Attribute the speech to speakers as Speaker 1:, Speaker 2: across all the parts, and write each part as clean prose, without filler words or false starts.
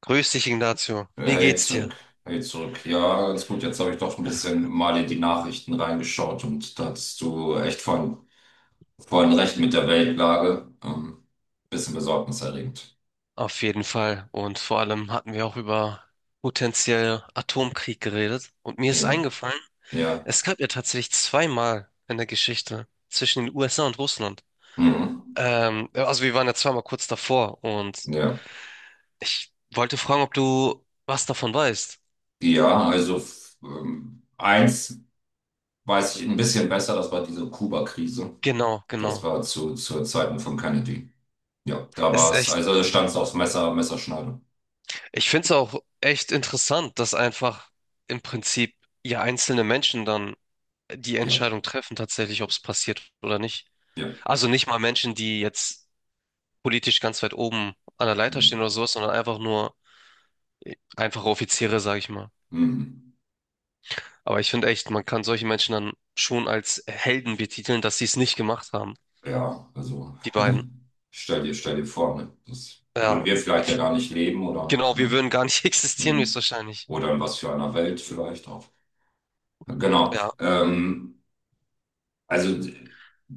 Speaker 1: Grüß dich, Ignacio. Wie
Speaker 2: Hey
Speaker 1: geht's dir?
Speaker 2: zurück, hey zurück. Ja, ganz gut. Jetzt habe ich doch ein bisschen mal in die Nachrichten reingeschaut und da hattest du echt von recht mit der Weltlage. Bisschen besorgniserregend.
Speaker 1: Auf jeden Fall. Und vor allem hatten wir auch über potenziell Atomkrieg geredet. Und mir ist
Speaker 2: Ja,
Speaker 1: eingefallen,
Speaker 2: ja,
Speaker 1: es gab ja tatsächlich zweimal in der Geschichte zwischen den USA und Russland.
Speaker 2: mhm.
Speaker 1: Also wir waren ja zweimal kurz davor und
Speaker 2: Ja,
Speaker 1: ich wollte fragen, ob du was davon weißt.
Speaker 2: ja, also eins weiß ich ein bisschen besser, das war diese Kuba-Krise.
Speaker 1: Genau,
Speaker 2: Das
Speaker 1: genau.
Speaker 2: war zu Zeiten von Kennedy. Ja, da war
Speaker 1: Ist
Speaker 2: es,
Speaker 1: echt,
Speaker 2: also da stand es aufs Messer, Messerschneide.
Speaker 1: ich finde es auch echt interessant, dass einfach im Prinzip ja einzelne Menschen dann die
Speaker 2: Ja,
Speaker 1: Entscheidung treffen, tatsächlich, ob es passiert oder nicht.
Speaker 2: ja.
Speaker 1: Also nicht mal Menschen, die jetzt politisch ganz weit oben an der Leiter stehen
Speaker 2: Mhm.
Speaker 1: oder sowas, sondern einfach nur einfache Offiziere, sag ich mal.
Speaker 2: Mhm.
Speaker 1: Aber ich finde echt, man kann solche Menschen dann schon als Helden betiteln, dass sie es nicht gemacht haben,
Speaker 2: Ja, also
Speaker 1: die beiden.
Speaker 2: stell dir vor, ne? Das würden
Speaker 1: Ja,
Speaker 2: wir vielleicht ja gar nicht leben oder
Speaker 1: genau,
Speaker 2: keine
Speaker 1: wir würden
Speaker 2: Ahnung.
Speaker 1: gar nicht existieren,
Speaker 2: Hm.
Speaker 1: höchstwahrscheinlich.
Speaker 2: Oder in was für einer Welt vielleicht auch. Genau.
Speaker 1: Ja,
Speaker 2: Also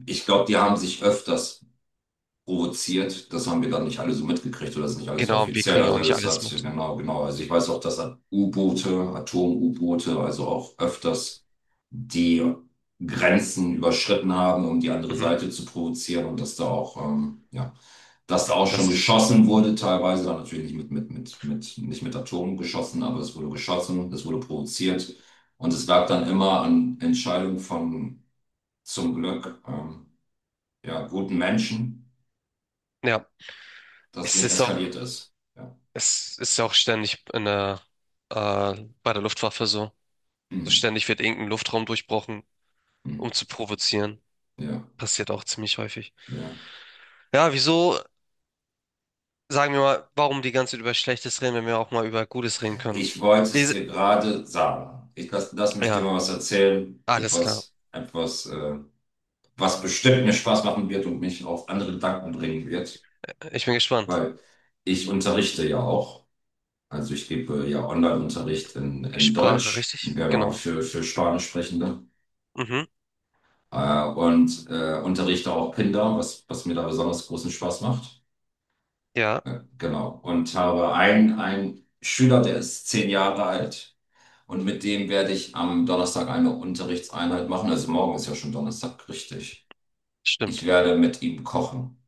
Speaker 2: ich glaube, die haben sich öfters provoziert. Das haben wir dann nicht alle so mitgekriegt oder das ist nicht alles so
Speaker 1: genau, wir
Speaker 2: offiziell.
Speaker 1: kriegen ja auch
Speaker 2: Also
Speaker 1: nicht
Speaker 2: das
Speaker 1: alles
Speaker 2: hat,
Speaker 1: mit.
Speaker 2: genau, genau. Also ich weiß auch, dass hat U-Boote, Atom-U-Boote, also auch öfters die Grenzen überschritten haben, um die andere
Speaker 1: Mhm.
Speaker 2: Seite zu provozieren und dass da auch, ja, dass da auch schon
Speaker 1: Das,
Speaker 2: geschossen wurde, teilweise dann natürlich nicht mit, nicht mit Atomen geschossen, aber es wurde geschossen, es wurde provoziert und es lag dann immer an Entscheidungen von zum Glück ja, guten Menschen
Speaker 1: ja,
Speaker 2: das
Speaker 1: es
Speaker 2: nicht
Speaker 1: ist auch,
Speaker 2: eskaliert ist. Ja.
Speaker 1: es ist ja auch ständig äh, bei der Luftwaffe so. So
Speaker 2: Hm.
Speaker 1: ständig wird irgendein Luftraum durchbrochen,
Speaker 2: Hm.
Speaker 1: um zu provozieren.
Speaker 2: Ja.
Speaker 1: Passiert auch ziemlich häufig.
Speaker 2: Ja.
Speaker 1: Ja, wieso, sagen wir mal, warum die ganze Zeit über Schlechtes reden, wenn wir auch mal über Gutes reden können?
Speaker 2: Ich wollte
Speaker 1: Wie-
Speaker 2: es
Speaker 1: se-
Speaker 2: dir gerade sagen. Ich lass mich dir
Speaker 1: Ja,
Speaker 2: mal was erzählen.
Speaker 1: alles klar.
Speaker 2: Etwas, was bestimmt mir Spaß machen wird und mich auf andere Gedanken bringen wird.
Speaker 1: Ich bin gespannt.
Speaker 2: Weil ich unterrichte ja auch. Also ich gebe ja Online-Unterricht in
Speaker 1: Sprache,
Speaker 2: Deutsch,
Speaker 1: richtig?
Speaker 2: genau,
Speaker 1: Genau.
Speaker 2: für Spanischsprechende.
Speaker 1: Mhm.
Speaker 2: Und unterrichte auch Kinder, was, was mir da besonders großen Spaß macht.
Speaker 1: Ja,
Speaker 2: Genau. Und habe einen, einen Schüler, der ist 10 Jahre alt. Und mit dem werde ich am Donnerstag eine Unterrichtseinheit machen. Also morgen ist ja schon Donnerstag, richtig. Ich
Speaker 1: stimmt.
Speaker 2: werde mit ihm kochen.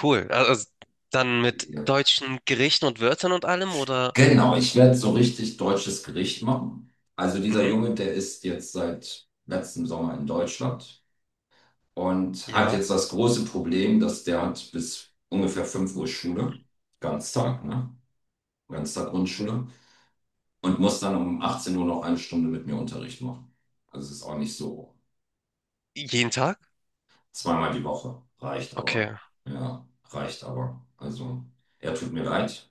Speaker 1: Cool. Also dann mit
Speaker 2: Ja.
Speaker 1: deutschen Gerichten und Wörtern und allem oder?
Speaker 2: Genau, ich werde so richtig deutsches Gericht machen. Also dieser
Speaker 1: Mhm.
Speaker 2: Junge, der ist jetzt seit letztem Sommer in Deutschland und hat
Speaker 1: Ja.
Speaker 2: jetzt das große Problem, dass der hat bis ungefähr 5 Uhr Schule, Ganztag, ne? Ganztag Grundschule. Und muss dann um 18 Uhr noch eine Stunde mit mir Unterricht machen. Also es ist auch nicht so.
Speaker 1: Jeden Tag?
Speaker 2: Zweimal die Woche reicht
Speaker 1: Okay,
Speaker 2: aber. Ja, reicht aber. Also er tut mir leid.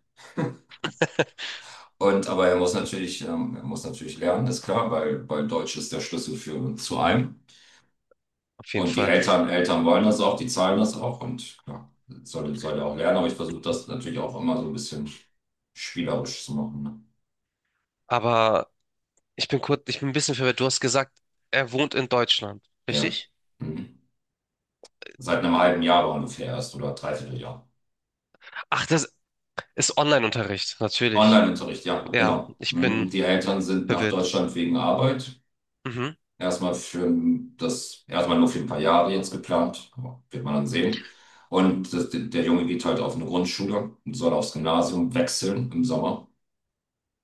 Speaker 2: Und aber er muss natürlich lernen, ist klar, weil, weil Deutsch ist der Schlüssel für zu allem.
Speaker 1: auf jeden
Speaker 2: Und die
Speaker 1: Fall.
Speaker 2: Eltern wollen das auch, die zahlen das auch und klar, soll, soll er auch lernen, aber ich versuche das natürlich auch immer so ein bisschen spielerisch zu machen.
Speaker 1: Aber ich bin ein bisschen verwirrt. Du hast gesagt, er wohnt in Deutschland,
Speaker 2: Ne? Ja.
Speaker 1: richtig?
Speaker 2: Mhm. Seit einem halben Jahr ungefähr erst oder dreiviertel Jahr.
Speaker 1: Ach, das ist Online-Unterricht, natürlich.
Speaker 2: Online-Unterricht, ja,
Speaker 1: Ja,
Speaker 2: genau.
Speaker 1: ich
Speaker 2: Mhm.
Speaker 1: bin
Speaker 2: Die Eltern sind nach
Speaker 1: verwirrt.
Speaker 2: Deutschland wegen Arbeit.
Speaker 1: Mhm.
Speaker 2: Erstmal für das, erstmal nur für ein paar Jahre jetzt geplant, aber wird man dann sehen. Und das, der Junge geht halt auf eine Grundschule und soll aufs Gymnasium wechseln im Sommer.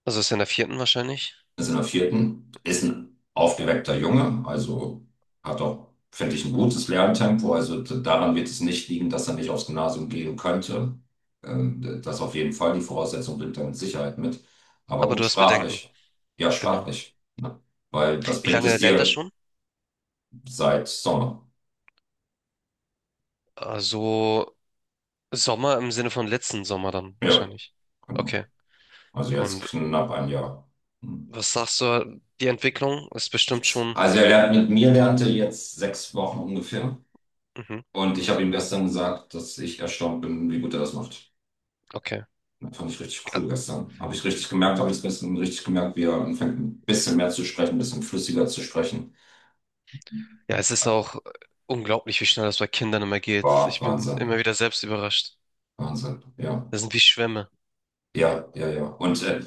Speaker 1: Also ist er in der vierten wahrscheinlich.
Speaker 2: Ist in der vierten, ist ein aufgeweckter Junge, also hat auch, finde ich, ein gutes Lerntempo. Also daran wird es nicht liegen, dass er nicht aufs Gymnasium gehen könnte. Das auf jeden Fall, die Voraussetzung bringt er mit Sicherheit mit. Aber
Speaker 1: Aber du
Speaker 2: gut,
Speaker 1: hast Bedenken.
Speaker 2: sprachlich. Ja,
Speaker 1: Genau.
Speaker 2: sprachlich. Ne? Weil was
Speaker 1: Wie
Speaker 2: bringt
Speaker 1: lange
Speaker 2: es
Speaker 1: lernt er
Speaker 2: dir
Speaker 1: schon?
Speaker 2: seit Sommer?
Speaker 1: Also Sommer im Sinne von letzten Sommer dann
Speaker 2: Ja,
Speaker 1: wahrscheinlich.
Speaker 2: genau.
Speaker 1: Okay.
Speaker 2: Also jetzt
Speaker 1: Und
Speaker 2: knapp ein Jahr. Hm.
Speaker 1: was sagst du? Die Entwicklung ist bestimmt schon.
Speaker 2: Also er lernt mit mir lernte jetzt 6 Wochen ungefähr.
Speaker 1: Mhm.
Speaker 2: Und ich habe ihm gestern gesagt, dass ich erstaunt bin, wie gut er das macht.
Speaker 1: Okay.
Speaker 2: Das fand ich richtig cool gestern. Habe ich richtig gemerkt, habe ich gestern richtig gemerkt, wie er anfängt, ein bisschen mehr zu sprechen, ein bisschen flüssiger zu sprechen.
Speaker 1: Ja, es ist auch unglaublich, wie schnell das bei Kindern immer geht.
Speaker 2: War
Speaker 1: Ich bin
Speaker 2: Wahnsinn.
Speaker 1: immer wieder selbst überrascht.
Speaker 2: Wahnsinn. Ja.
Speaker 1: Das sind wie Schwämme.
Speaker 2: Ja, ja, ja. Und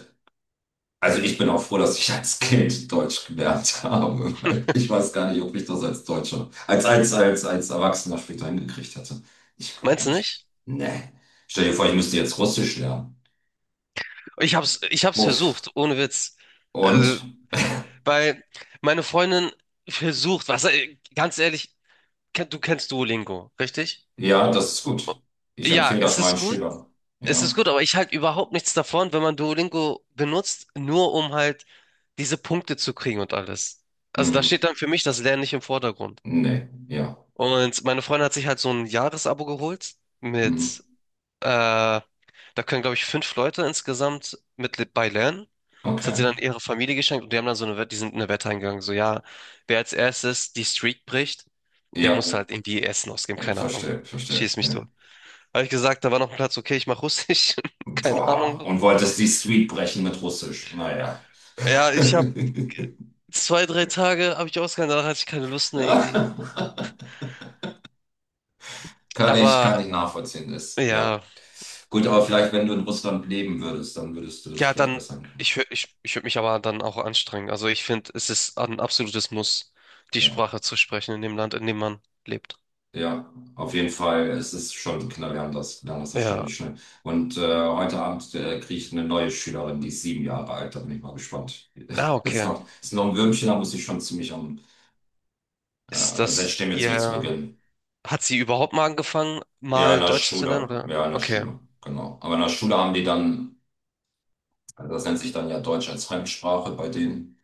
Speaker 2: also ich bin auch froh, dass ich als Kind Deutsch gelernt habe. Weil ich weiß gar nicht, ob ich das als Deutscher, als Erwachsener später hingekriegt hätte. Ich glaube
Speaker 1: Meinst du
Speaker 2: nicht.
Speaker 1: nicht?
Speaker 2: Nee. Stell dir vor, ich müsste jetzt Russisch lernen.
Speaker 1: Ich hab's
Speaker 2: Uff.
Speaker 1: versucht, ohne Witz.
Speaker 2: Und
Speaker 1: Also, weil meine Freundin versucht, was, ganz ehrlich, du kennst Duolingo, richtig?
Speaker 2: ja, das ist
Speaker 1: O-
Speaker 2: gut. Ich
Speaker 1: Ja,
Speaker 2: empfehle
Speaker 1: es
Speaker 2: das
Speaker 1: ist es
Speaker 2: meinen
Speaker 1: gut.
Speaker 2: Schülern.
Speaker 1: Es ist
Speaker 2: Ja.
Speaker 1: gut, aber ich halte überhaupt nichts davon, wenn man Duolingo benutzt, nur um halt diese Punkte zu kriegen und alles. Also da steht
Speaker 2: Mhm.
Speaker 1: dann für mich das Lernen nicht im Vordergrund.
Speaker 2: Nee, ja.
Speaker 1: Und meine Freundin hat sich halt so ein Jahresabo geholt
Speaker 2: Mhm.
Speaker 1: mit, da können glaube ich fünf Leute insgesamt mit bei lernen. Das hat sie
Speaker 2: Okay.
Speaker 1: dann ihrer Familie geschenkt und die haben dann so eine Wette, die sind in eine Wette eingegangen, so ja, wer als erstes die Streak bricht, der
Speaker 2: Ja,
Speaker 1: musste halt irgendwie Essen ausgeben, keine Ahnung.
Speaker 2: verstehe, verstehe.
Speaker 1: Schieß mich
Speaker 2: Ja.
Speaker 1: tot. Habe ich gesagt, da war noch ein Platz, okay, ich mache Russisch. Keine Ahnung
Speaker 2: Boah.
Speaker 1: warum.
Speaker 2: Und wolltest die Street brechen mit Russisch. Naja.
Speaker 1: Ja, ich habe zwei, drei Tage habe ich ausgehalten, danach hatte ich keine Lust mehr irgendwie. Aber
Speaker 2: Kann ich nachvollziehen, ist. Ja.
Speaker 1: ja,
Speaker 2: Gut, aber vielleicht, wenn du in Russland leben würdest, dann würdest du das
Speaker 1: ja,
Speaker 2: vielleicht
Speaker 1: dann,
Speaker 2: besser hinkriegen.
Speaker 1: ich würde mich aber dann auch anstrengen. Also ich finde, es ist ein absolutes Muss, die
Speaker 2: Ja.
Speaker 1: Sprache zu sprechen in dem Land, in dem man lebt.
Speaker 2: Ja, auf jeden Fall. Es ist schon, Kinder lernen das
Speaker 1: Ja.
Speaker 2: erstaunlich schnell. Und heute Abend kriege ich eine neue Schülerin, die ist 7 Jahre alt. Da bin ich mal gespannt.
Speaker 1: Ah, okay.
Speaker 2: Ist noch ein Würmchen, da muss ich schon ziemlich am
Speaker 1: Ist
Speaker 2: Also ich
Speaker 1: das
Speaker 2: stimme jetzt nicht zu
Speaker 1: ihr,
Speaker 2: Beginn.
Speaker 1: hat sie überhaupt mal angefangen,
Speaker 2: Ja, in
Speaker 1: mal
Speaker 2: der
Speaker 1: Deutsch zu lernen
Speaker 2: Schule.
Speaker 1: oder?
Speaker 2: Ja, in der
Speaker 1: Okay.
Speaker 2: Schule, genau. Aber in der Schule haben die dann, also das nennt sich dann ja Deutsch als Fremdsprache bei denen.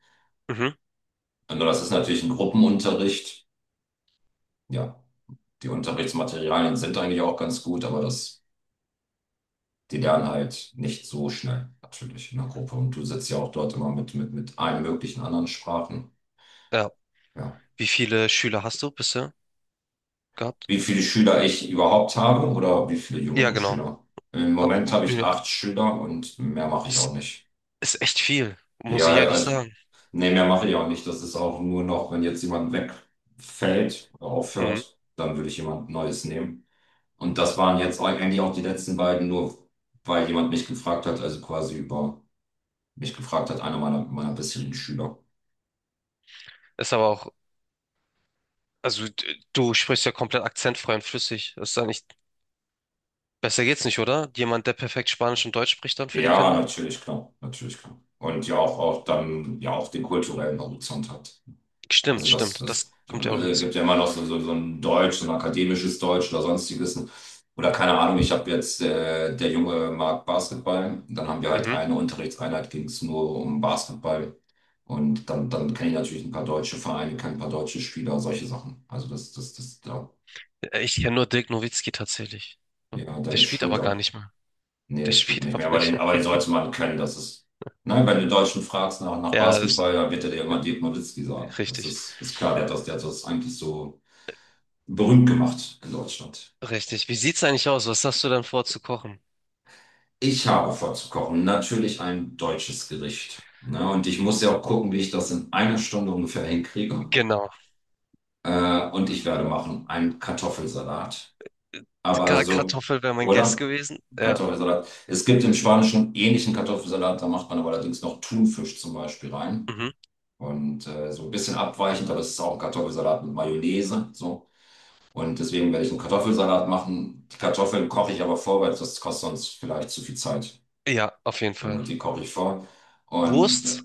Speaker 1: Mhm.
Speaker 2: Nur das ist natürlich ein Gruppenunterricht. Ja, die Unterrichtsmaterialien sind eigentlich auch ganz gut, aber das, die lernen halt nicht so schnell, natürlich in der Gruppe. Und du sitzt ja auch dort immer mit allen möglichen anderen Sprachen.
Speaker 1: Ja.
Speaker 2: Ja.
Speaker 1: Wie viele Schüler hast du bisher gehabt?
Speaker 2: Wie viele Schüler ich überhaupt habe oder wie viele
Speaker 1: Ja,
Speaker 2: jüngere
Speaker 1: genau.
Speaker 2: Schüler? Im Moment habe ich
Speaker 1: Ja,
Speaker 2: 8 Schüler und mehr mache ich auch
Speaker 1: ist,
Speaker 2: nicht.
Speaker 1: ist echt viel, muss
Speaker 2: Ja,
Speaker 1: ich ehrlich
Speaker 2: also,
Speaker 1: sagen.
Speaker 2: nee, mehr mache ich auch nicht. Das ist auch nur noch, wenn jetzt jemand wegfällt oder
Speaker 1: Mhm.
Speaker 2: aufhört, dann würde ich jemand Neues nehmen. Und das waren jetzt eigentlich auch die letzten beiden, nur weil jemand mich gefragt hat, also quasi über mich gefragt hat, einer meiner, meiner bisherigen Schüler.
Speaker 1: Ist aber auch, also du sprichst ja komplett akzentfrei und flüssig. Ist da nicht, besser geht's nicht, oder? Jemand, der perfekt Spanisch und Deutsch spricht dann für die
Speaker 2: Ja,
Speaker 1: Kinder?
Speaker 2: natürlich, klar, natürlich, klar. Und ja, auch, auch dann, ja, auch den kulturellen Horizont hat.
Speaker 1: Stimmt,
Speaker 2: Also das,
Speaker 1: stimmt.
Speaker 2: das
Speaker 1: Das kommt ja auch hinzu.
Speaker 2: gibt ja immer noch so, so, so ein Deutsch, so ein akademisches Deutsch oder sonstiges. Oder keine Ahnung, ich habe jetzt, der Junge mag Basketball. Dann haben wir halt
Speaker 1: Mhm.
Speaker 2: eine Unterrichtseinheit, ging es nur um Basketball. Und dann, dann kenne ich natürlich ein paar deutsche Vereine, kenne ein paar deutsche Spieler, solche Sachen. Also das, das, das, ja,
Speaker 1: Ich kenne nur Dirk Nowitzki tatsächlich.
Speaker 2: ja,
Speaker 1: Der
Speaker 2: Dennis
Speaker 1: spielt aber gar
Speaker 2: Schröder.
Speaker 1: nicht mehr.
Speaker 2: Nee,
Speaker 1: Der
Speaker 2: der spielt
Speaker 1: spielt
Speaker 2: nicht
Speaker 1: aber
Speaker 2: mehr,
Speaker 1: nicht
Speaker 2: aber
Speaker 1: mehr.
Speaker 2: den sollte man kennen. Das ist, nein, wenn du Deutschen fragst nach, nach
Speaker 1: Ja, das
Speaker 2: Basketball, dann wird er dir immer Dirk Nowitzki sagen.
Speaker 1: ist
Speaker 2: Das
Speaker 1: richtig.
Speaker 2: ist, ist klar, der hat das eigentlich so berühmt gemacht in Deutschland.
Speaker 1: Richtig. Wie sieht's eigentlich aus? Was hast du dann vor zu kochen?
Speaker 2: Ich habe vor zu kochen, natürlich ein deutsches Gericht. Ne? Und ich muss ja auch gucken, wie ich das in einer Stunde ungefähr hinkriege.
Speaker 1: Genau.
Speaker 2: Und ich werde machen einen Kartoffelsalat. Aber so,
Speaker 1: Kartoffel wäre mein Guess
Speaker 2: oder?
Speaker 1: gewesen. Ja,
Speaker 2: Kartoffelsalat. Es gibt im Spanischen einen ähnlichen Kartoffelsalat, da macht man aber allerdings noch Thunfisch zum Beispiel rein.
Speaker 1: mhm.
Speaker 2: Und so ein bisschen abweichend, aber es ist auch ein Kartoffelsalat mit Mayonnaise. So. Und deswegen werde ich einen Kartoffelsalat machen. Die Kartoffeln koche ich aber vor, weil das kostet sonst vielleicht zu viel Zeit.
Speaker 1: Ja, auf jeden
Speaker 2: Genau,
Speaker 1: Fall.
Speaker 2: die koche ich vor. Und
Speaker 1: Wurst,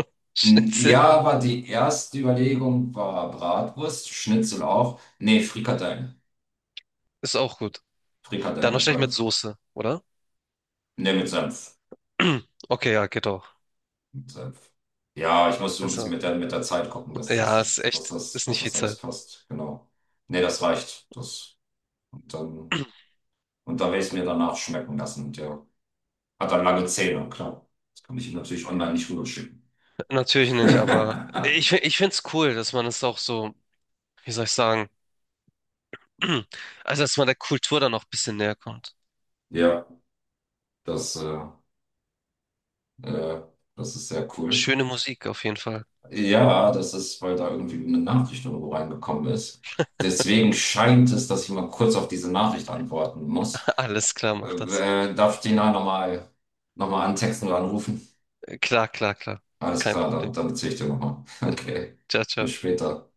Speaker 1: Schnitzel
Speaker 2: ja, war die erste Überlegung war Bratwurst, Schnitzel auch. Nee, Frikadellen.
Speaker 1: ist auch gut. Dann
Speaker 2: Frikadellen,
Speaker 1: wahrscheinlich
Speaker 2: weil,
Speaker 1: mit Soße, oder?
Speaker 2: nee, mit Senf.
Speaker 1: Okay, ja, geht auch.
Speaker 2: Mit Senf. Ja, ich muss so ein bisschen
Speaker 1: Also,
Speaker 2: mit der Zeit gucken, dass, dass,
Speaker 1: ja,
Speaker 2: dass, dass, dass,
Speaker 1: ist
Speaker 2: dass
Speaker 1: nicht viel
Speaker 2: das alles
Speaker 1: Zeit.
Speaker 2: passt. Genau. Nee, das reicht. Das, und dann, und dann werde ich es mir danach schmecken lassen. Und ja. Hat dann lange Zähne, klar. Das kann ich natürlich online nicht rüberschicken.
Speaker 1: Natürlich nicht, aber ich, fi- ich finde es cool, dass man es auch so, wie soll ich sagen, also dass man der Kultur dann noch ein bisschen näher kommt.
Speaker 2: Ja, das, äh, das ist sehr cool.
Speaker 1: Schöne Musik auf jeden Fall.
Speaker 2: Ja, das ist, weil da irgendwie eine Nachricht irgendwo reingekommen ist. Deswegen scheint es, dass ich mal kurz auf diese Nachricht antworten muss.
Speaker 1: Alles klar, mach das.
Speaker 2: Darf ich den da nochmal noch mal antexten oder anrufen?
Speaker 1: Klar, klar, klar.
Speaker 2: Alles
Speaker 1: Kein
Speaker 2: klar, dann,
Speaker 1: Problem.
Speaker 2: dann erzähle ich dir nochmal. Okay,
Speaker 1: Ciao,
Speaker 2: bis
Speaker 1: ciao.
Speaker 2: später.